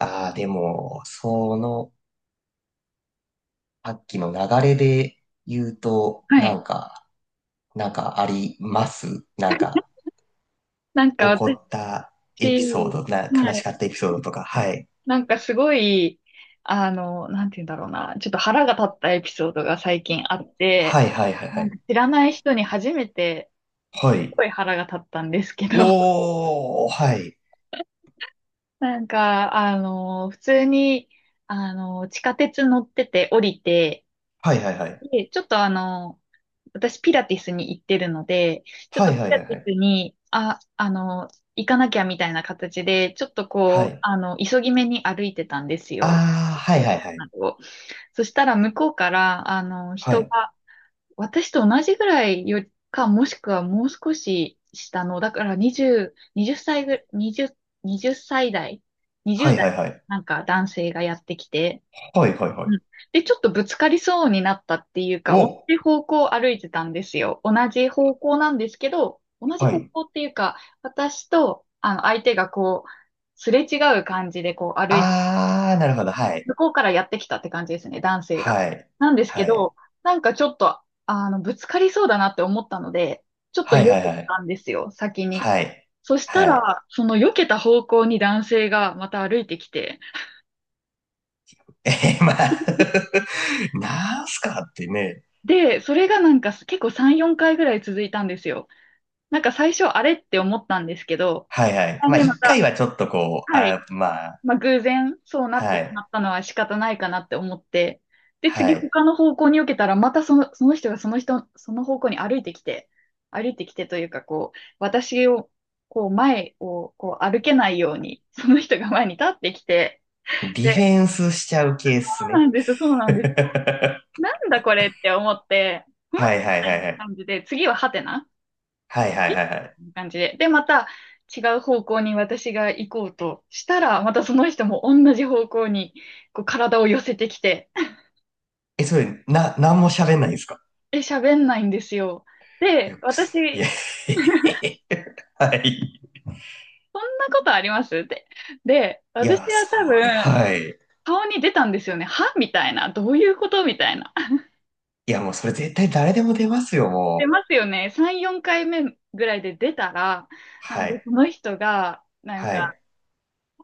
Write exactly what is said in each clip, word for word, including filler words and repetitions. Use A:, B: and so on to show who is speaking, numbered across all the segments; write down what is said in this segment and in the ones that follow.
A: ああ、でも、その、さっきの流れで言うと、
B: は
A: な
B: い。
A: んか、なんかありますなんか、
B: なんか
A: 起こ
B: 私、
A: ったエピソード、な、
B: は
A: 悲し
B: い。
A: かったエピソードとか、はい。
B: なんかすごい、あの、なんて言うんだろうな。ちょっと腹が立ったエピソードが最近あって、
A: はいはいはいは
B: なん
A: い。
B: か知らない人に初めて、
A: は
B: すっ
A: い。
B: ごい腹が立ったんですけど、
A: おー、はい。
B: なんか、あの、普通に、あの、地下鉄乗ってて降りて、
A: はいはいはい。
B: で、ちょっとあの、私、ピラティスに行ってるので、ちょっ
A: は
B: と
A: い
B: ピ
A: はい
B: ラ
A: はい
B: テ
A: は
B: ィ
A: い。
B: スに、あ、あの、行かなきゃみたいな形で、ちょっと
A: は
B: こう、
A: い。
B: あの、急ぎ目に歩いてたんですよ。
A: あー、はいはいはい。
B: そしたら、向こうから、あの、
A: は
B: 人
A: い。
B: が、私と同じぐらいよりか、もしくはもう少し下の、だから20、20歳ぐ、20、20歳代、
A: は
B: にじゅう
A: い
B: 代、
A: はいはい。
B: なんか男性がやってきて、
A: はいはいは
B: うん。
A: い。
B: で、ちょっとぶつかりそうになったっていうか、同
A: お、
B: じ方向を歩いてたんですよ。同じ方向なんですけど、同じ
A: は
B: 方
A: い。
B: 向っていうか、私と、あの、相手がこう、すれ違う感じでこう歩いて、
A: あー、なるほど。はい。
B: 向こうからやってきたって感じですね、男性が。
A: はい。
B: なんですけ
A: はい。
B: ど、なんかちょっと、あの、ぶつかりそうだなって思ったので、ちょっと
A: は
B: 避
A: いはい
B: け
A: はい。
B: たんですよ、先に。
A: はい。
B: そした
A: はい。
B: ら、その避けた方向に男性がまた歩いてきて、
A: えー、まあ なんすかってね。
B: で、それがなんか結構さん、よんかいぐらい続いたんですよ。なんか最初あれって思ったんですけど、
A: はいはい。
B: あ
A: まあ、
B: ねま
A: 一回
B: た、
A: はちょっとこう、
B: はい。
A: あ、まあ、
B: まあ、偶然そうなって
A: は
B: しま
A: い、
B: ったのは仕方ないかなって思って、で、
A: は
B: 次
A: い。
B: 他の方向に受けたら、またその、その人がその人、その方向に歩いてきて、歩いてきてというか、こう、私を、こう、前を、こう、歩けないように、その人が前に立ってきて、
A: ディフ
B: で、
A: ェンスしちゃう系っす
B: そう
A: ね。
B: なんです、そう なんですよ。
A: は
B: なんだこれって思って、んみ
A: いはいはい
B: たい
A: はい。
B: な感じで、次はハテナ
A: はいは
B: こ
A: いはいはい。
B: んな感じで。で、また違う方向に私が行こうとしたら、またその人も同じ方向にこう体を寄せてきて、
A: え、それ、な、なんも喋んないんですか？
B: で、喋んないんですよ。
A: いや、
B: で、
A: くすいや、
B: 私、
A: はい。
B: そんなことありますって。で、
A: い
B: 私
A: や、
B: は
A: そ
B: 多
A: れ、
B: 分、
A: はい。
B: 顔に出たんですよね。はみたいな。どういうことみたいな。
A: いや、もうそれ絶対誰でも出ますよ、
B: 出
A: もう。
B: ますよね。さん、よんかいめぐらいで出たら、なん
A: は
B: か
A: い、
B: その人が、なん
A: は
B: か、
A: い、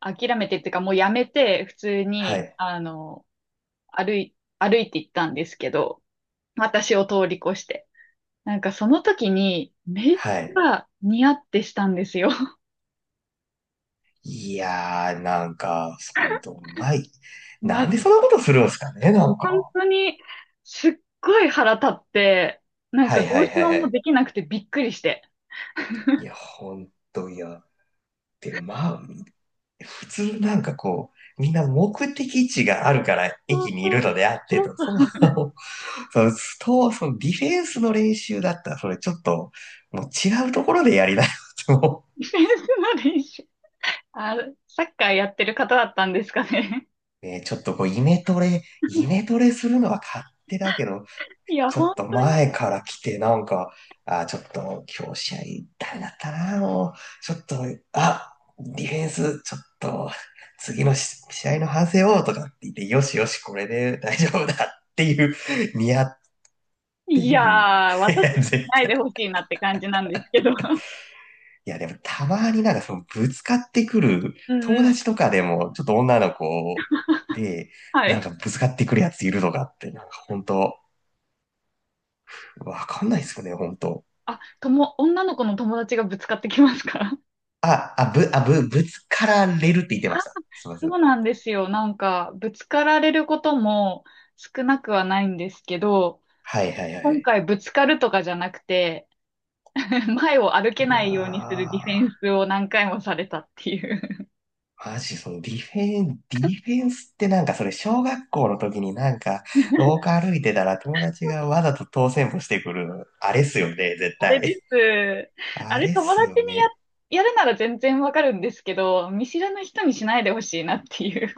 B: 諦めてっていうか、もうやめて、普通
A: は
B: に、
A: い、
B: あの、歩い、歩いて行ったんですけど、私を通り越して。なんかその時にめっち
A: はい。
B: ゃニヤってしたんですよ。
A: いやー、なんか、ほんと、うまい。
B: マ
A: なん
B: ジ
A: でそ
B: で。
A: んなことするんですかね、なん
B: 本
A: か。
B: 当にすっごい腹立って、なん
A: は
B: か
A: い
B: ど
A: は
B: う
A: い
B: し
A: はい
B: よ
A: は
B: うも
A: い。
B: できなくてびっくりして。
A: いや、ほんと、いや。で、まあ、普通なんかこう、みんな目的地があるから
B: そう
A: 駅にい
B: そう
A: るのであって
B: そう
A: と、
B: そ
A: その、
B: う。
A: その、ストそのディフェンスの練習だったら、それちょっと、もう違うところでやりなよと。
B: ディフェンスの練習。あ、サッカーやってる方だったんですかね。
A: ね、ちょっとこう、イメトレ、イメトレするのは勝手だけど、
B: いや、
A: ちょ
B: 本
A: っと
B: 当に。
A: 前から来て、なんか、あ、ちょっと今日試合ダメだったな、もう、ちょっと、あ、ディフェンス、ちょっと、次のし試合の反省をとかって言って、よしよし、これで大丈夫だっていう、ニヤって
B: い
A: いう。
B: やー、
A: い
B: 私
A: や、
B: は
A: 絶
B: ない
A: 対。
B: でほしいなって感じなんですけど。
A: いや、でもたまになんかそのぶつかってくる、
B: うん
A: 友
B: うん。
A: 達とかでも、ちょっと女の子で、
B: は
A: なん
B: い。
A: かぶつかってくるやついるとかって、なんか本当、わかんないですよね、本当。
B: あ、とも、女の子の友達がぶつかってきますか？
A: あ、あ、ぶ、あ、ぶ、ぶつかられるって言って
B: あ、
A: ました。すみませ
B: そ
A: ん。
B: うなんですよ。なんか、ぶつかられることも少なくはないんですけど、
A: はいはいはいは
B: 今
A: い。
B: 回ぶつかるとかじゃなくて、前を歩け
A: いや
B: ないようにするディフェン
A: ー、
B: スを何回もされたっていう。
A: マジそのディフェン、ディフェンスってなんかそれ小学校の時になんか廊下歩いてたら友達がわざと当選歩してくる、あれっすよね、絶
B: あれで
A: 対。
B: す。あ
A: あ
B: れ、
A: れっ
B: 友
A: すよ
B: 達に
A: ね。
B: や、やるなら全然わかるんですけど、見知らぬ人にしないでほしいなっていう。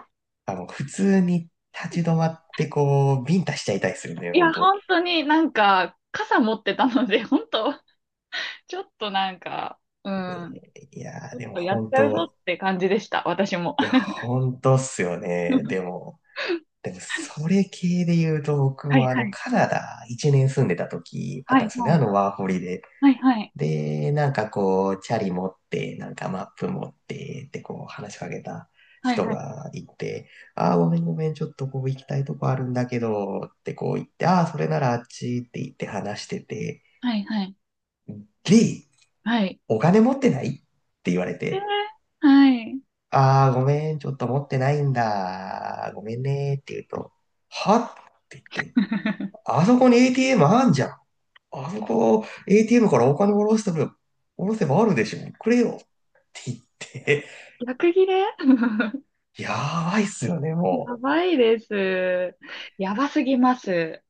A: あの、普通に立ち止まってこう、ビンタしちゃいたいっすよね、
B: い
A: ほん
B: や、
A: と。
B: 本当になんか、傘持ってたので、本当ちょっとなんか、うん、
A: いや
B: ち
A: ー、
B: ょっ
A: でも
B: とや
A: ほ
B: っ
A: ん
B: ちゃうぞっ
A: と、
B: て感じでした、私も。
A: いや、ほんとっすよね。でも、でも、それ系で言うと、僕
B: はい
A: もあ
B: は
A: の、
B: い。
A: カナダいちねん住んでた時あっ
B: は
A: たん
B: い、
A: ですよね、
B: は
A: あ
B: い。
A: の、ワーホリで。
B: はい、はい。
A: で、なんかこう、チャリ持って、なんかマップ持って、ってこう、話しかけた
B: はい、
A: 人
B: はい。
A: がいて、ああ、ごめんごめん、ちょっとこう、行きたいとこあるんだけど、ってこう言って、ああ、それならあっちって言って話してて、
B: はい、はい。
A: リー、
B: はい。
A: お金持ってないって言われて、
B: えーはい。
A: ああ、ごめん、ちょっと持ってないんだ、ごめんね、って言うと、はって言って、あそこに エーティーエム あんじゃん。あそこ、エーティーエム からお金下ろしても、下ろせばあるでしょ。くれよ。って言って、
B: 逆切れ。
A: やばいっすよね、も
B: やばいです。やばすぎます。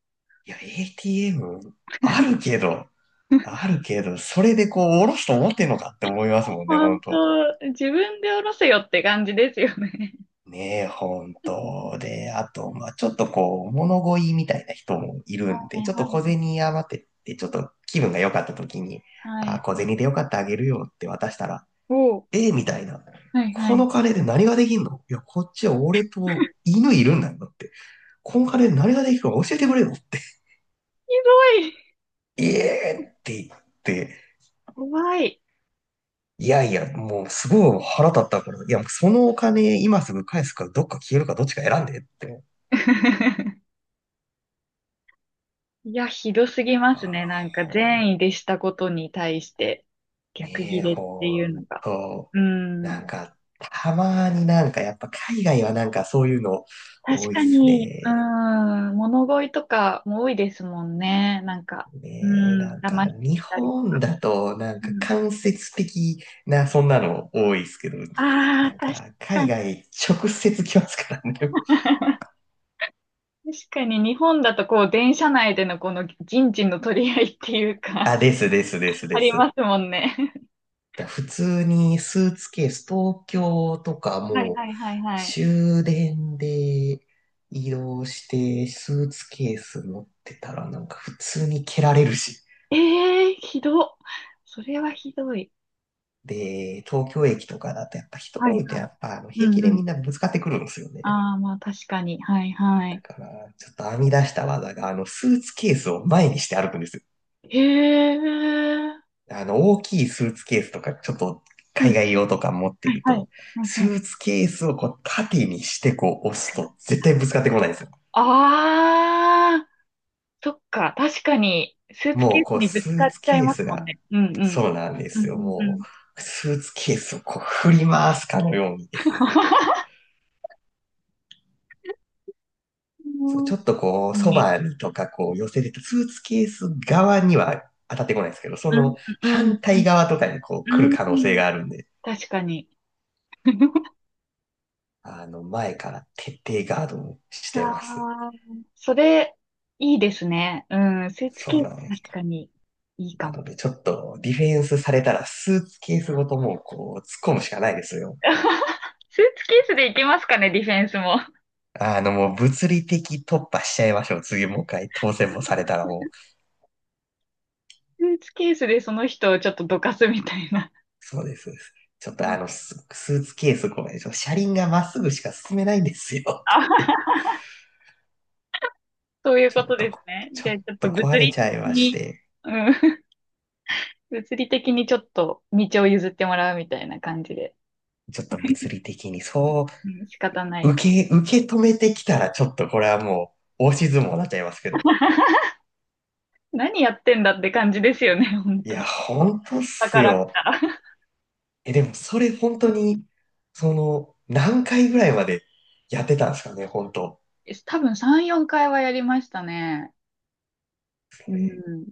A: う。いや、エーティーエム あるけど、あるけど、それでこう、下ろすと思ってんのかって思いますもんね、ほ
B: 本
A: んと。
B: 当、自分で下ろせよって感じですよね。
A: ねえ、ほんと。で、あと、まあちょっとこう、物乞いみたいな人もいる
B: は
A: んで、
B: い
A: ちょっ
B: は
A: と小
B: い
A: 銭余ってって、ちょっと気分が良かった時に、
B: はいは
A: あ、小
B: い。
A: 銭でよかったあげるよって渡したら、
B: おう。
A: えーみたいな。
B: はいはい。
A: こ
B: ひ
A: の金で何ができんの？いや、こっちは俺と犬いるんだよだって。この金で何ができるか教えてくれよって。
B: どい。
A: ええって言って、
B: 怖い。
A: いやいや、もうすごい腹立ったから、いや、そのお金今すぐ返すか、どっか消えるか、どっちか選んでって。
B: いや、ひどすぎま
A: あ
B: すね。
A: あ、
B: なんか
A: ほん、
B: 善意でしたことに対して逆
A: ね
B: ギ
A: え、
B: レってい
A: ほ
B: うの
A: ん
B: が。
A: と。
B: うー
A: なん
B: ん。
A: か、たまになんかやっぱ海外はなんかそういうの
B: 確
A: 多いっ
B: か
A: す
B: に、う
A: ね。
B: ん、物乞いとかも多いですもんね。なんか、う
A: ねえ、な
B: ん、
A: んか、
B: 騙して
A: 日
B: きたり。
A: 本だと、なん
B: う
A: か、
B: ん、
A: 間接的な、そんなの多いですけど、
B: ああ、
A: なん
B: 確
A: か、
B: か
A: 海
B: に。
A: 外、直接来ますからね。
B: 確かに日本だとこう、電車内でのこの人事の取り合いっていう か、
A: あ、ですですです
B: あ
A: で
B: り
A: す。
B: ますもんね。
A: だ普通にスーツケース、東京とか
B: はい
A: もう、
B: はいはいはい。
A: 終電で移動して、スーツケース持ってたら、なんか、普通に蹴られるし。
B: ええー、ひどっ。それはひどい。
A: で、東京駅とかだと、やっぱ人
B: は
A: 多
B: い
A: いと、
B: は
A: や
B: い。
A: っぱ、あの
B: う
A: 平
B: ん
A: 気で
B: う
A: み
B: ん。
A: んなぶつかってくるんですよね。
B: ああ、まあ確かに。はいは
A: だ
B: い。
A: から、ちょっと編み出した技が、あの、スーツケースを前にして歩くんですよ。
B: へえ。
A: あの、大きいスーツケースとか、ちょっと
B: う
A: 海
B: ん。
A: 外用とか持って
B: はい
A: る
B: はい。は
A: と、
B: いは
A: ス
B: い。
A: ーツケースをこう縦にしてこう押すと絶対ぶつかってこないんですよ。
B: ああ。そっか、確かに、スーツケ
A: もう
B: ース
A: こう
B: にぶ
A: ス
B: つか
A: ー
B: っ
A: ツ
B: ちゃい
A: ケー
B: ます
A: ス
B: もん
A: が、
B: ね。うんうん。
A: そうなんで
B: うん
A: すよ。
B: うんう
A: も
B: ん。
A: う、スーツケースをこう振り回すかのように。そうちょっとこう、
B: う
A: そ
B: んうん
A: ばにとかこう寄せてたスーツケース側には当たってこないんですけど、その
B: うん
A: 反対側とかにこう来
B: う
A: る
B: ん。
A: 可
B: う
A: 能性があ
B: ん、
A: るんで、
B: 確かに。
A: あの、前から徹底ガードをしてます。
B: ああ、それ、いいですね。うん、スーツ
A: そ
B: ケ
A: う
B: ース、
A: なんです。
B: 確かに、いいか
A: な
B: も。
A: ので、ちょっとディフェンスされたらスーツケースごともうこう、突っ込むしかないですよ。
B: スーツケースでいけますかね、ディフェンスも。
A: あの、もう物理的突破しちゃいましょう。次もう一回当選もされたらもう。
B: スーツケースでその人をちょっとどかすみたいな。
A: そうです。そうですちょっとあの、ススーツケースごめん。ちょっと車輪がまっすぐしか進めないんですよって言って。
B: あ、そうい う
A: ちょ
B: こ
A: っ
B: と
A: と、
B: ですね。
A: ち
B: じ
A: ょ
B: ゃあ、
A: っ
B: ちょっ
A: と
B: と物
A: 壊れ
B: 理
A: ちゃい
B: 的
A: まし
B: に、
A: て。
B: うん。物理的にちょっと道を譲ってもらうみたいな感じで。
A: ちょっと物 理的にそ
B: うん、仕方な
A: う、
B: い
A: 受
B: か。
A: け、受け止めてきたらちょっとこれはもう、押し相撲になっちゃいますけど。
B: 何やってんだって感じですよね、本
A: いや、
B: 当。
A: 本当っ
B: だ
A: す
B: から見
A: よ。
B: たら。
A: え、でもそれ本当に、その、何回ぐらいまでやってたんですかね、本当。
B: 多分さん、よんかいはやりましたね。
A: そ
B: う
A: れ。
B: ん。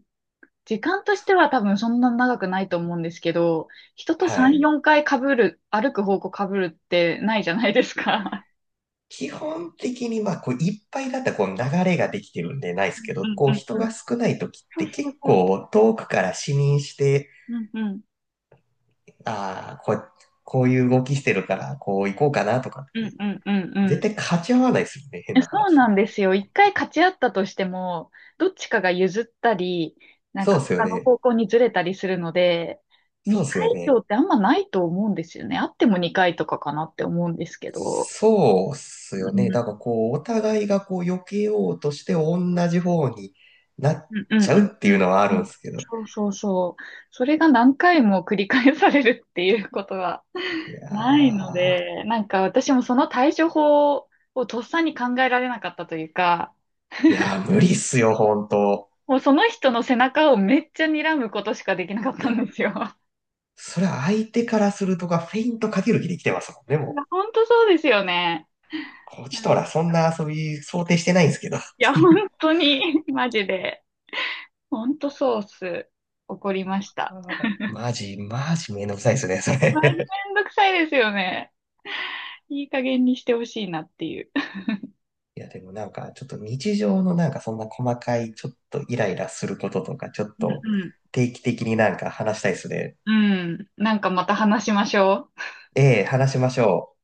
B: 時間としては多分そんな長くないと思うんですけど、人と
A: は
B: さん、
A: い。
B: よんかい被る、歩く方向被るってないじゃないですか。
A: 基本的に、まあ、こう、いっぱいだったら、こう、流れができてるんでないで
B: う
A: すけ
B: ん
A: ど、
B: うん
A: こう、
B: うん
A: 人
B: うん。
A: が少ない時っ
B: そ
A: て
B: うそう
A: 結
B: そうそ
A: 構遠くから視認して、
B: う。うんうん。
A: ああ、こう、こういう動きしてるから、こう行こうかなとかっ
B: う
A: て、
B: んうんうんう
A: 絶
B: ん。
A: 対勝ち合わないですよね、変
B: え、
A: な
B: そうな
A: 話。
B: んですよ。いっかい勝ち合ったとしても、どっちかが譲ったり、なん
A: そう
B: か
A: ですよ
B: 他の
A: ね。
B: 方向にずれたりするので、
A: そうです
B: 2
A: よ
B: 回以
A: ね。
B: 上ってあんまないと思うんですよね。あってもにかいとかかなって思うんですけど。
A: そうっす
B: う
A: よね。
B: ん、
A: だか
B: う
A: らこう、お互いがこう、避けようとして同じ方になっ
B: ん、うん、
A: ちゃうって
B: うん。
A: いうのはあ
B: う
A: るん
B: ん、
A: ですけど。
B: そうそうそう。それが何回も繰り返されるっていうことは
A: いや
B: ないの
A: ー、
B: で、なんか私もその対処法をとっさに考えられなかったというか、
A: いやー無理っすよ、本当。
B: もうその人の背中をめっちゃ睨むことしかできなかっ
A: い
B: た
A: や、
B: んですよ。
A: それは相手からするとか、フェイントかける気で来てますもんね、
B: い
A: も
B: や、
A: う。
B: 本当そうですよね。
A: こっ
B: う
A: ちと
B: ん、
A: らそんな遊び想定してないんですけど、っ
B: いや、
A: てい
B: 本
A: う。
B: 当に、マジで、本当ソース、怒りまし
A: あ
B: た。
A: ーマジ、マジめんどくさいっすね、それ。
B: まあ、めんどくさいですよね。いい加減にしてほしいなっていう。
A: いや、でもなんか、ちょっと日常のなんかそんな細かい、ちょっとイライラすることとか、ちょっ
B: う
A: と
B: ん
A: 定期的になんか話したいですね。
B: うん。うん。なんかまた話しましょう。
A: ええ、話しましょう。